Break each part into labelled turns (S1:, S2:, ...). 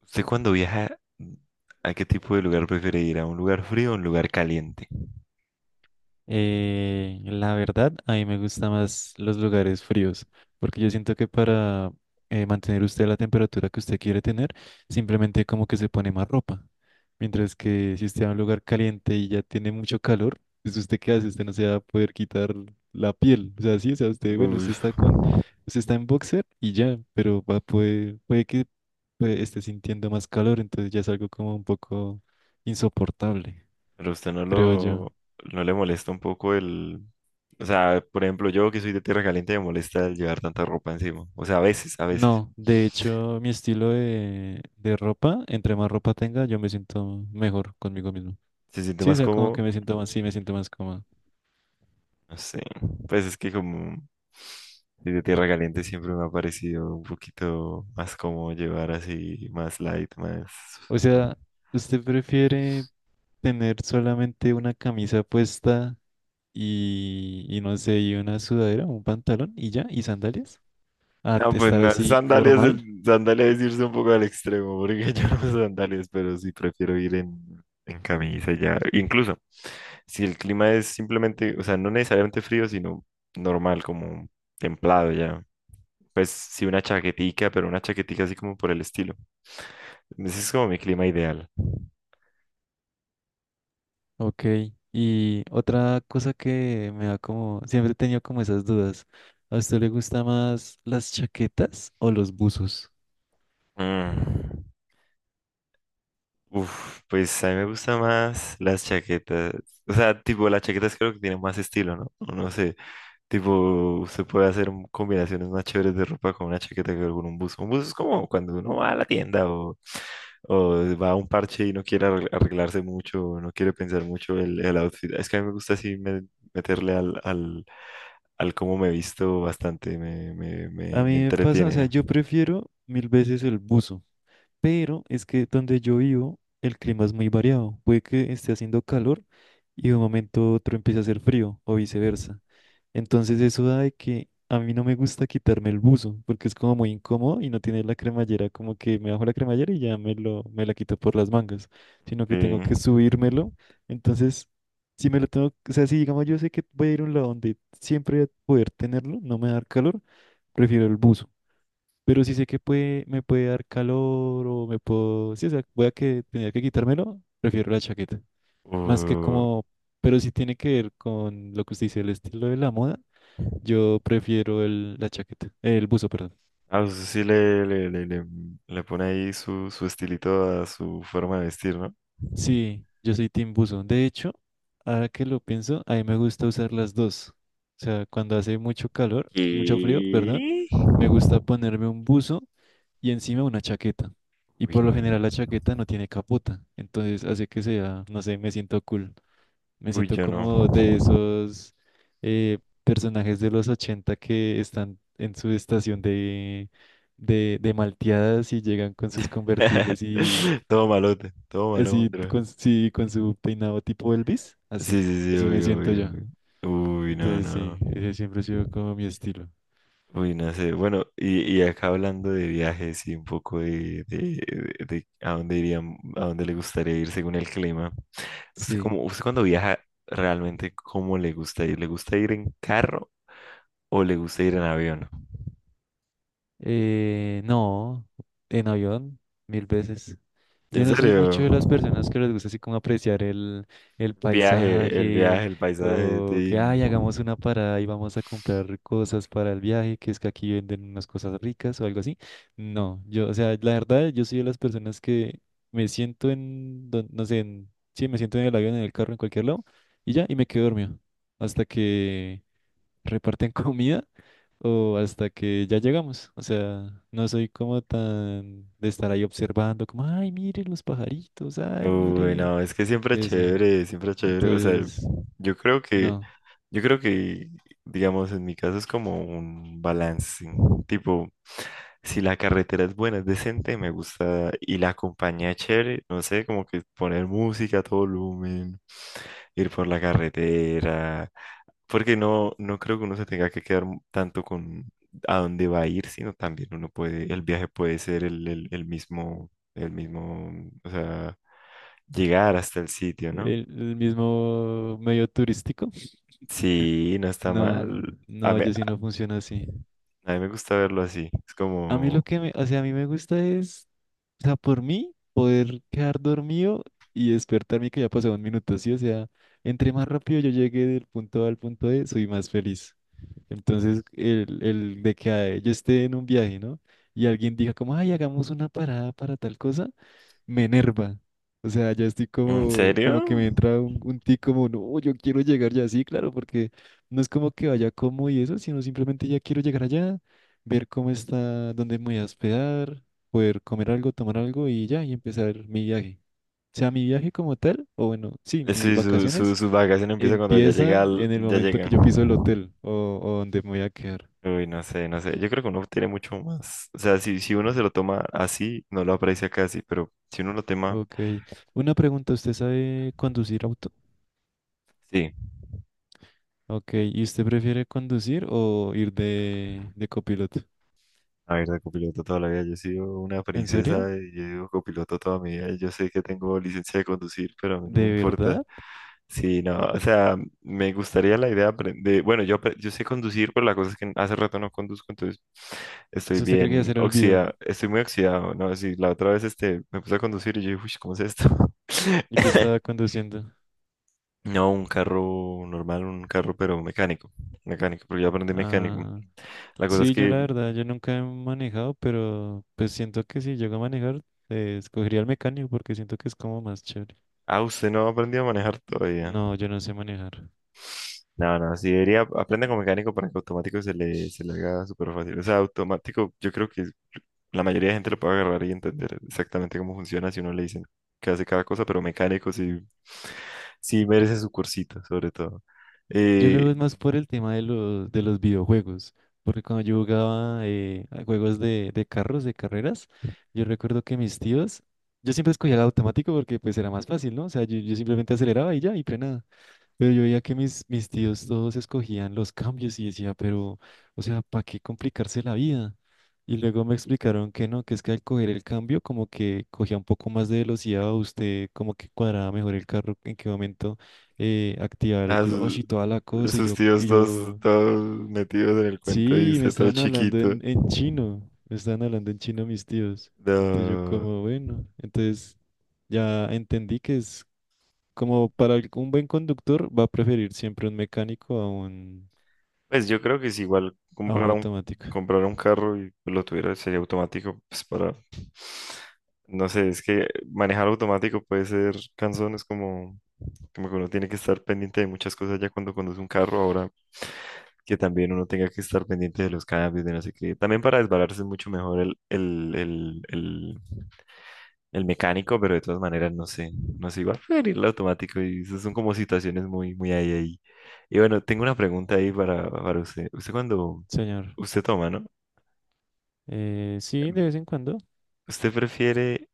S1: ¿Usted cuando viaja, a qué tipo de lugar prefiere ir? ¿A un lugar frío o un lugar caliente?
S2: La verdad, a mí me gustan más los lugares fríos, porque yo siento que para mantener usted la temperatura que usted quiere tener, simplemente como que se pone más ropa. Mientras que si usted va a un lugar caliente y ya tiene mucho calor, pues usted qué hace, usted no se va a poder quitar la piel. O sea, sí, o sea, usted, bueno,
S1: Uy,
S2: usted está en boxer y ya, pero puede que pues, esté sintiendo más calor, entonces ya es algo como un poco insoportable,
S1: pero usted no
S2: creo yo.
S1: no le molesta un poco el... O sea, por ejemplo, yo que soy de tierra caliente me molesta el llevar tanta ropa encima. O sea, a veces.
S2: No, de hecho, mi estilo de ropa, entre más ropa tenga, yo me siento mejor conmigo mismo.
S1: Se siente
S2: Sí, o
S1: más
S2: sea, como que
S1: cómodo,
S2: me siento más, sí, me siento más cómodo.
S1: no sé. Pues es que como soy de tierra caliente siempre me ha parecido un poquito más cómodo llevar así, más light, más...
S2: O
S1: ¿No?
S2: sea, ¿usted prefiere tener solamente una camisa puesta y no sé, y una sudadera, un pantalón y ya, y sandalias?
S1: No, pues
S2: Estar
S1: no,
S2: así formal.
S1: sandalias es irse un poco al extremo, porque yo no uso sandalias, pero sí prefiero ir en camisa ya. Incluso si el clima es simplemente, o sea, no necesariamente frío, sino normal, como templado ya. Pues sí una chaquetica, pero una chaquetica así como por el estilo. Ese es como mi clima ideal.
S2: Ok. Y otra cosa que me da como, siempre he tenido como esas dudas. ¿A usted le gusta más las chaquetas o los buzos?
S1: Mm, Uf, pues a mí me gusta más las chaquetas. O sea, tipo, las chaquetas creo que tienen más estilo, ¿no? No sé. Tipo, usted puede hacer combinaciones más chéveres de ropa con una chaqueta que con un buzo. Un buzo es como cuando uno va a la tienda o va a un parche y no quiere arreglarse mucho, o no quiere pensar mucho el outfit. Es que a mí me gusta así meterle al cómo me visto bastante,
S2: A
S1: me
S2: mí me pasa, o sea,
S1: entretiene.
S2: yo prefiero mil veces el buzo. Pero es que donde yo vivo, el clima es muy variado. Puede que esté haciendo calor y de un momento a otro empiece a hacer frío o viceversa. Entonces eso da de que a mí no me gusta quitarme el buzo porque es como muy incómodo y no tiene la cremallera, como que me bajo la cremallera y ya me lo, me la quito por las mangas, sino que tengo
S1: Eh,
S2: que subírmelo. Entonces, si me lo tengo, o sea, si digamos yo sé que voy a ir a un lado donde siempre voy a poder tenerlo, no me va a dar calor, prefiero el buzo. Pero si sé que puede, me puede dar calor o me puedo... Sí, o sea, voy a que tenía que quitármelo, prefiero la chaqueta. Más que
S1: o-
S2: como... Pero si tiene que ver con lo que usted dice, el estilo de la moda, yo prefiero el, la chaqueta, el buzo, perdón.
S1: Usted sí le pone ahí su estilito a su forma de vestir, ¿no?
S2: Sí, yo soy Team Buzo. De hecho, ahora que lo pienso, a mí me gusta usar las dos. O sea, cuando hace mucho calor, mucho frío, perdón,
S1: ¿Qué?
S2: me gusta ponerme un buzo y encima una chaqueta. Y
S1: Uy,
S2: por
S1: n-
S2: lo general la chaqueta no tiene capota, entonces hace que sea, no sé, me siento cool. Me
S1: Uy,
S2: siento
S1: yo no.
S2: como de esos eh, personajes de los 80 que están en su estación de malteadas y llegan con sus convertibles y
S1: Todo malote, todo
S2: así
S1: malandro.
S2: con, sí, con su peinado tipo Elvis,
S1: Sí,
S2: así,
S1: sí, sí,
S2: así me
S1: obvio,
S2: siento
S1: obvio,
S2: yo.
S1: obvio. Uy, no,
S2: Entonces
S1: no.
S2: sí, ese siempre ha sido como mi estilo.
S1: Uy, no sé. Bueno, y acá hablando de viajes y un poco de a dónde irían, a dónde le gustaría ir según el clima. ¿Usted
S2: Sí.
S1: cómo, usted cuando viaja realmente cómo le gusta ir? ¿Le gusta ir en carro o le gusta ir en avión?
S2: No, en avión, mil veces. Yo
S1: ¿En
S2: no soy
S1: serio?
S2: mucho de las personas que les gusta así como apreciar el paisaje
S1: Viaje, el paisaje,
S2: o que,
S1: tin.
S2: ay, hagamos una parada y vamos a comprar cosas para el viaje, que es que aquí venden unas cosas ricas o algo así. No, yo, o sea, la verdad, yo soy de las personas que me siento no sé, sí, me siento en el avión, en el carro, en cualquier lado y ya, y me quedo dormido hasta que reparten comida o hasta que ya llegamos. O sea, no soy como tan de estar ahí observando, como, ay, mire los pajaritos, ay,
S1: Uy,
S2: mire
S1: no, es que siempre
S2: eso.
S1: chévere, siempre chévere. O sea,
S2: Entonces,
S1: yo creo que,
S2: no.
S1: yo creo que, digamos, en mi caso es como un balance. Tipo, si la carretera es buena, es decente, me gusta, y la compañía es chévere, no sé, como que poner música a todo volumen, ir por la carretera, porque no creo que uno se tenga que quedar tanto con a dónde va a ir, sino también uno puede, el viaje puede ser el mismo, el mismo, o sea llegar hasta el sitio, ¿no?
S2: El mismo medio turístico,
S1: Sí, no está
S2: no,
S1: mal. A
S2: no,
S1: mí,
S2: yo sí no funciona así.
S1: a mí me gusta verlo así. Es
S2: A mí lo
S1: como,
S2: que me, o sea, a mí me gusta es, o sea, por mí, poder quedar dormido y despertarme que ya pasó un minuto, sí, o sea, entre más rápido yo llegue del punto A al punto B, soy más feliz. Entonces, el de que yo esté en un viaje, ¿no? Y alguien diga como, ay, hagamos una parada para tal cosa, me enerva. O sea, ya estoy
S1: ¿en
S2: como,
S1: serio?
S2: como que me entra un tic como, no, yo quiero llegar ya sí claro, porque no es como que vaya como y eso, sino simplemente ya quiero llegar allá, ver cómo está, dónde me voy a hospedar, poder comer algo, tomar algo y ya, y empezar mi viaje. O sea, mi viaje como tal, o bueno, sí, mis
S1: Sí,
S2: vacaciones
S1: su vacación empieza cuando ya llega,
S2: empiezan en el
S1: ya
S2: momento que
S1: llega.
S2: yo piso el hotel o donde me voy a quedar.
S1: Uy, no sé, no sé. Yo creo que uno tiene mucho más. O sea, si uno se lo toma así, no lo aprecia casi, pero si uno lo toma,
S2: Ok. Una pregunta, ¿usted sabe conducir auto?
S1: sí.
S2: Ok. ¿Y usted prefiere conducir o ir de copiloto?
S1: A ver, de copiloto toda la vida. Yo he sido una
S2: ¿En serio?
S1: princesa y yo he sido copiloto toda mi vida. Yo sé que tengo licencia de conducir, pero a mí no me
S2: ¿De
S1: importa.
S2: verdad?
S1: Sí, no, o sea, me gustaría la idea apren- de Bueno, yo sé conducir, pero la cosa es que hace rato no conduzco, entonces
S2: O
S1: estoy
S2: sea, ¿usted cree que ya se
S1: bien
S2: le olvidó?
S1: oxidado, estoy muy oxidado, ¿no? Sí, la otra vez este, me puse a conducir y yo dije, uy, ¿cómo es esto?
S2: ¿Y que estaba conduciendo?
S1: No, un carro normal, un carro, pero mecánico, mecánico, porque yo aprendí mecánico.
S2: Ah,
S1: La cosa es
S2: sí, yo
S1: que,
S2: la verdad, yo nunca he manejado, pero pues siento que si llego a manejar, escogería el mecánico porque siento que es como más chévere.
S1: ah, usted no ha aprendido a manejar todavía.
S2: No, yo no sé manejar.
S1: No, no, sí debería aprender con mecánico para que automático se le haga súper fácil. O sea, automático, yo creo que la mayoría de gente lo puede agarrar y entender exactamente cómo funciona si uno le dicen que hace cada cosa, pero mecánico sí, sí merece su cursito, sobre todo.
S2: Yo lo
S1: Eh,
S2: veo más por el tema de de los videojuegos, porque cuando yo jugaba a juegos de carros, de carreras, yo recuerdo que mis tíos, yo siempre escogía el automático porque pues era más fácil, ¿no? O sea, yo simplemente aceleraba y ya, y frenaba. Pero yo veía que mis tíos todos escogían los cambios y decía, pero, o sea, ¿para qué complicarse la vida? Y luego me explicaron que no, que es que al coger el cambio como que cogía un poco más de velocidad, usted como que cuadraba mejor el carro, en qué momento activaba el
S1: a su-
S2: clutch y toda la cosa. Y
S1: Sus
S2: yo, y yo,
S1: todos metidos en el cuento y
S2: sí, me
S1: usted todo
S2: estaban hablando
S1: chiquito.
S2: en chino, me estaban hablando en chino mis tíos. Entonces yo
S1: No.
S2: como, bueno, entonces ya entendí que es como para un buen conductor va a preferir siempre un mecánico
S1: Pues yo creo que si igual
S2: a un automático.
S1: comprara un carro y lo tuviera, sería automático pues, para no sé, es que manejar automático puede ser cansón, es como, como que uno tiene que estar pendiente de muchas cosas ya cuando conduce un carro, ahora que también uno tenga que estar pendiente de los cambios, de no sé qué. También para desbalarse es mucho mejor el mecánico, pero de todas maneras no sé, no sé, igual preferir el automático y esas son como situaciones muy, muy ahí, ahí. Y bueno, tengo una pregunta ahí para usted. Usted cuando,
S2: Señor,
S1: usted toma, ¿no?
S2: sí, de vez en cuando.
S1: ¿Usted prefiere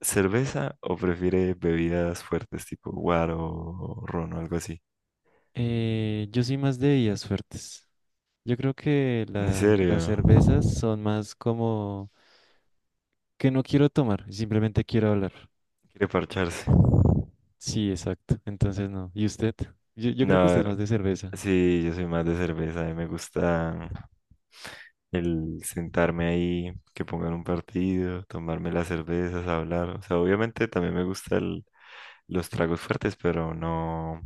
S1: cerveza o prefiere bebidas fuertes tipo guaro o ron o algo así?
S2: Yo soy más de bebidas fuertes. Yo creo que
S1: ¿En serio?
S2: las cervezas son más como que no quiero tomar, simplemente quiero hablar.
S1: ¿Quiere parcharse?
S2: Sí, exacto. Entonces no. ¿Y usted? Yo creo que usted
S1: No,
S2: es más de cerveza.
S1: sí, yo soy más de cerveza. A mí me gusta el sentarme ahí, que pongan un partido, tomarme las cervezas, hablar. O sea, obviamente también me gustan los tragos fuertes, pero no.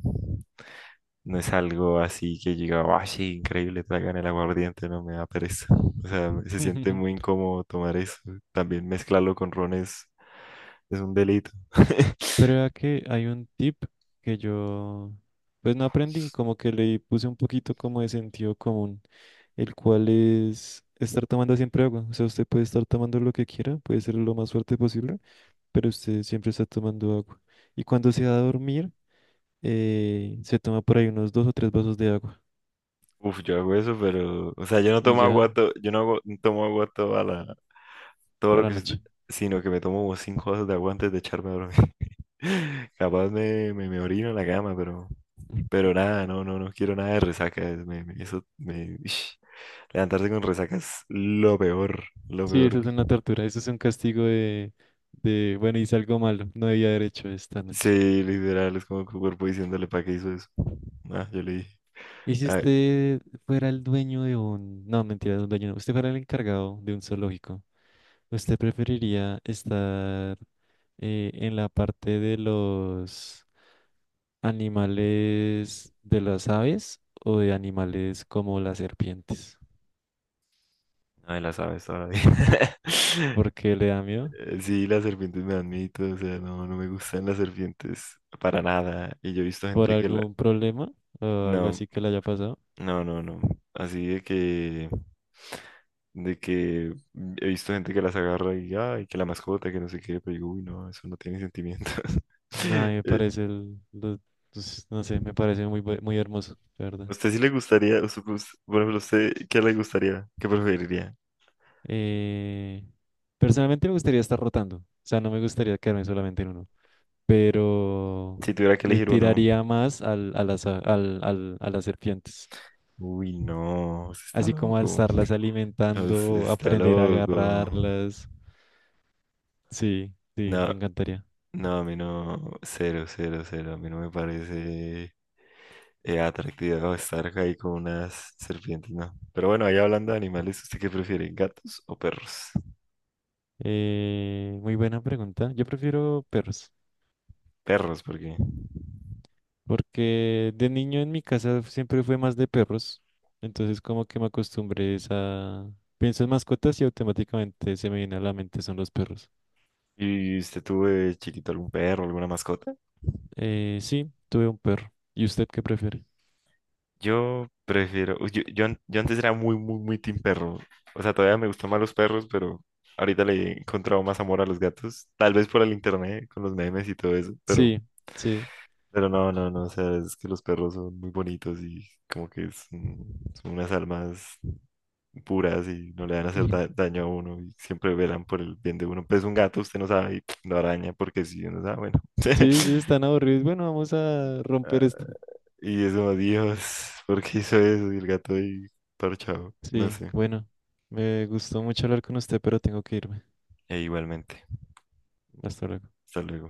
S1: No es algo así que llega, ¡ay, sí, increíble! Traigan el aguardiente, no me da pereza. O sea, se siente muy incómodo tomar eso. También mezclarlo con ron es un delito.
S2: Pero vea que hay un tip que yo, pues no aprendí, como que le puse un poquito como de sentido común, el cual es estar tomando siempre agua. O sea, usted puede estar tomando lo que quiera, puede ser lo más fuerte posible, pero usted siempre está tomando agua. Y cuando se va a dormir, se toma por ahí unos dos o tres vasos de agua
S1: Uf, yo hago eso, pero, o sea, yo no
S2: y
S1: tomo agua,
S2: ya
S1: to- yo no hago- no tomo agua toda la, todo
S2: toda
S1: lo
S2: la
S1: que,
S2: noche.
S1: sino que me tomo como 5 vasos de agua antes de echarme a dormir. Capaz me orino en la cama, pero nada, no, no, no quiero nada de resaca. Levantarse con resaca es lo peor, lo
S2: Sí,
S1: peor.
S2: eso es una tortura, eso es un castigo bueno, hice algo malo, no debía haber hecho esta noche.
S1: Sí, literal, es como que tu cuerpo diciéndole para qué hizo eso. Ah, yo le dije.
S2: ¿Y si
S1: Ay,
S2: usted fuera el dueño de un... No, mentira, de un dueño no. Usted fuera el encargado de un zoológico. ¿Usted preferiría estar en la parte de los animales de las aves o de animales como las serpientes?
S1: ay, las aves todavía.
S2: ¿Por qué le da miedo?
S1: Sí, las serpientes me dan miedo, o sea, no, no me gustan las serpientes para nada. Y yo he visto
S2: ¿Por
S1: gente que la...
S2: algún problema o algo
S1: No,
S2: así que le haya pasado?
S1: no, no, no. Así de que... De que he visto gente que las agarra y, ay, que la mascota, que no sé qué, pero digo, uy, no, eso no tiene sentimientos.
S2: Nada, me
S1: Eh,
S2: parece el... pues, no sé, me parece muy, muy hermoso, la verdad.
S1: ¿a usted sí le gustaría, o sea, pues, por ejemplo, a usted qué le gustaría, qué preferiría?
S2: Eh, personalmente me gustaría estar rotando, o sea, no me gustaría quedarme solamente en uno, pero
S1: Si tuviera que
S2: le
S1: elegir uno.
S2: tiraría más al, a las, a- al, al- a las serpientes,
S1: Uy, no, usted está
S2: así como a
S1: loco.
S2: estarlas
S1: Usted
S2: alimentando,
S1: está
S2: aprender a
S1: loco.
S2: agarrarlas. Sí, sí,
S1: No,
S2: me encantaría.
S1: no, a mí no. Cero, cero, cero. A mí no me parece atractivo estar ahí con unas serpientes, no. Pero bueno, ahí hablando de animales, ¿usted qué prefiere? ¿Gatos o perros?
S2: Muy buena pregunta. Yo prefiero perros,
S1: Perros, porque.
S2: porque de niño en mi casa siempre fue más de perros, entonces como que me acostumbré es a... Pienso en mascotas y automáticamente se me viene a la mente son los perros.
S1: ¿Y usted tuvo de chiquito algún perro, alguna mascota?
S2: Sí, tuve un perro. ¿Y usted qué prefiere?
S1: Yo prefiero, yo, an- Yo antes era muy, muy, muy team perro. O sea, todavía me gustan más los perros, pero ahorita le he encontrado más amor a los gatos. Tal vez por el internet, con los memes y todo eso,
S2: Sí, sí.
S1: pero no, no, no. O sea, es que los perros son muy bonitos y como que son, son unas almas puras y no le van a hacer daño a uno y siempre velan por el bien de uno. Pues un gato, usted no sabe, y lo araña porque si uno sabe, bueno.
S2: Sí, sí, están aburridos. Bueno, vamos a
S1: Ah,
S2: romper esto.
S1: y eso, Dios, ¿por qué hizo eso? Y el gato ahí parchado, no
S2: Sí,
S1: sé.
S2: bueno, me gustó mucho hablar con usted, pero tengo que irme.
S1: E igualmente.
S2: Hasta luego.
S1: Hasta luego.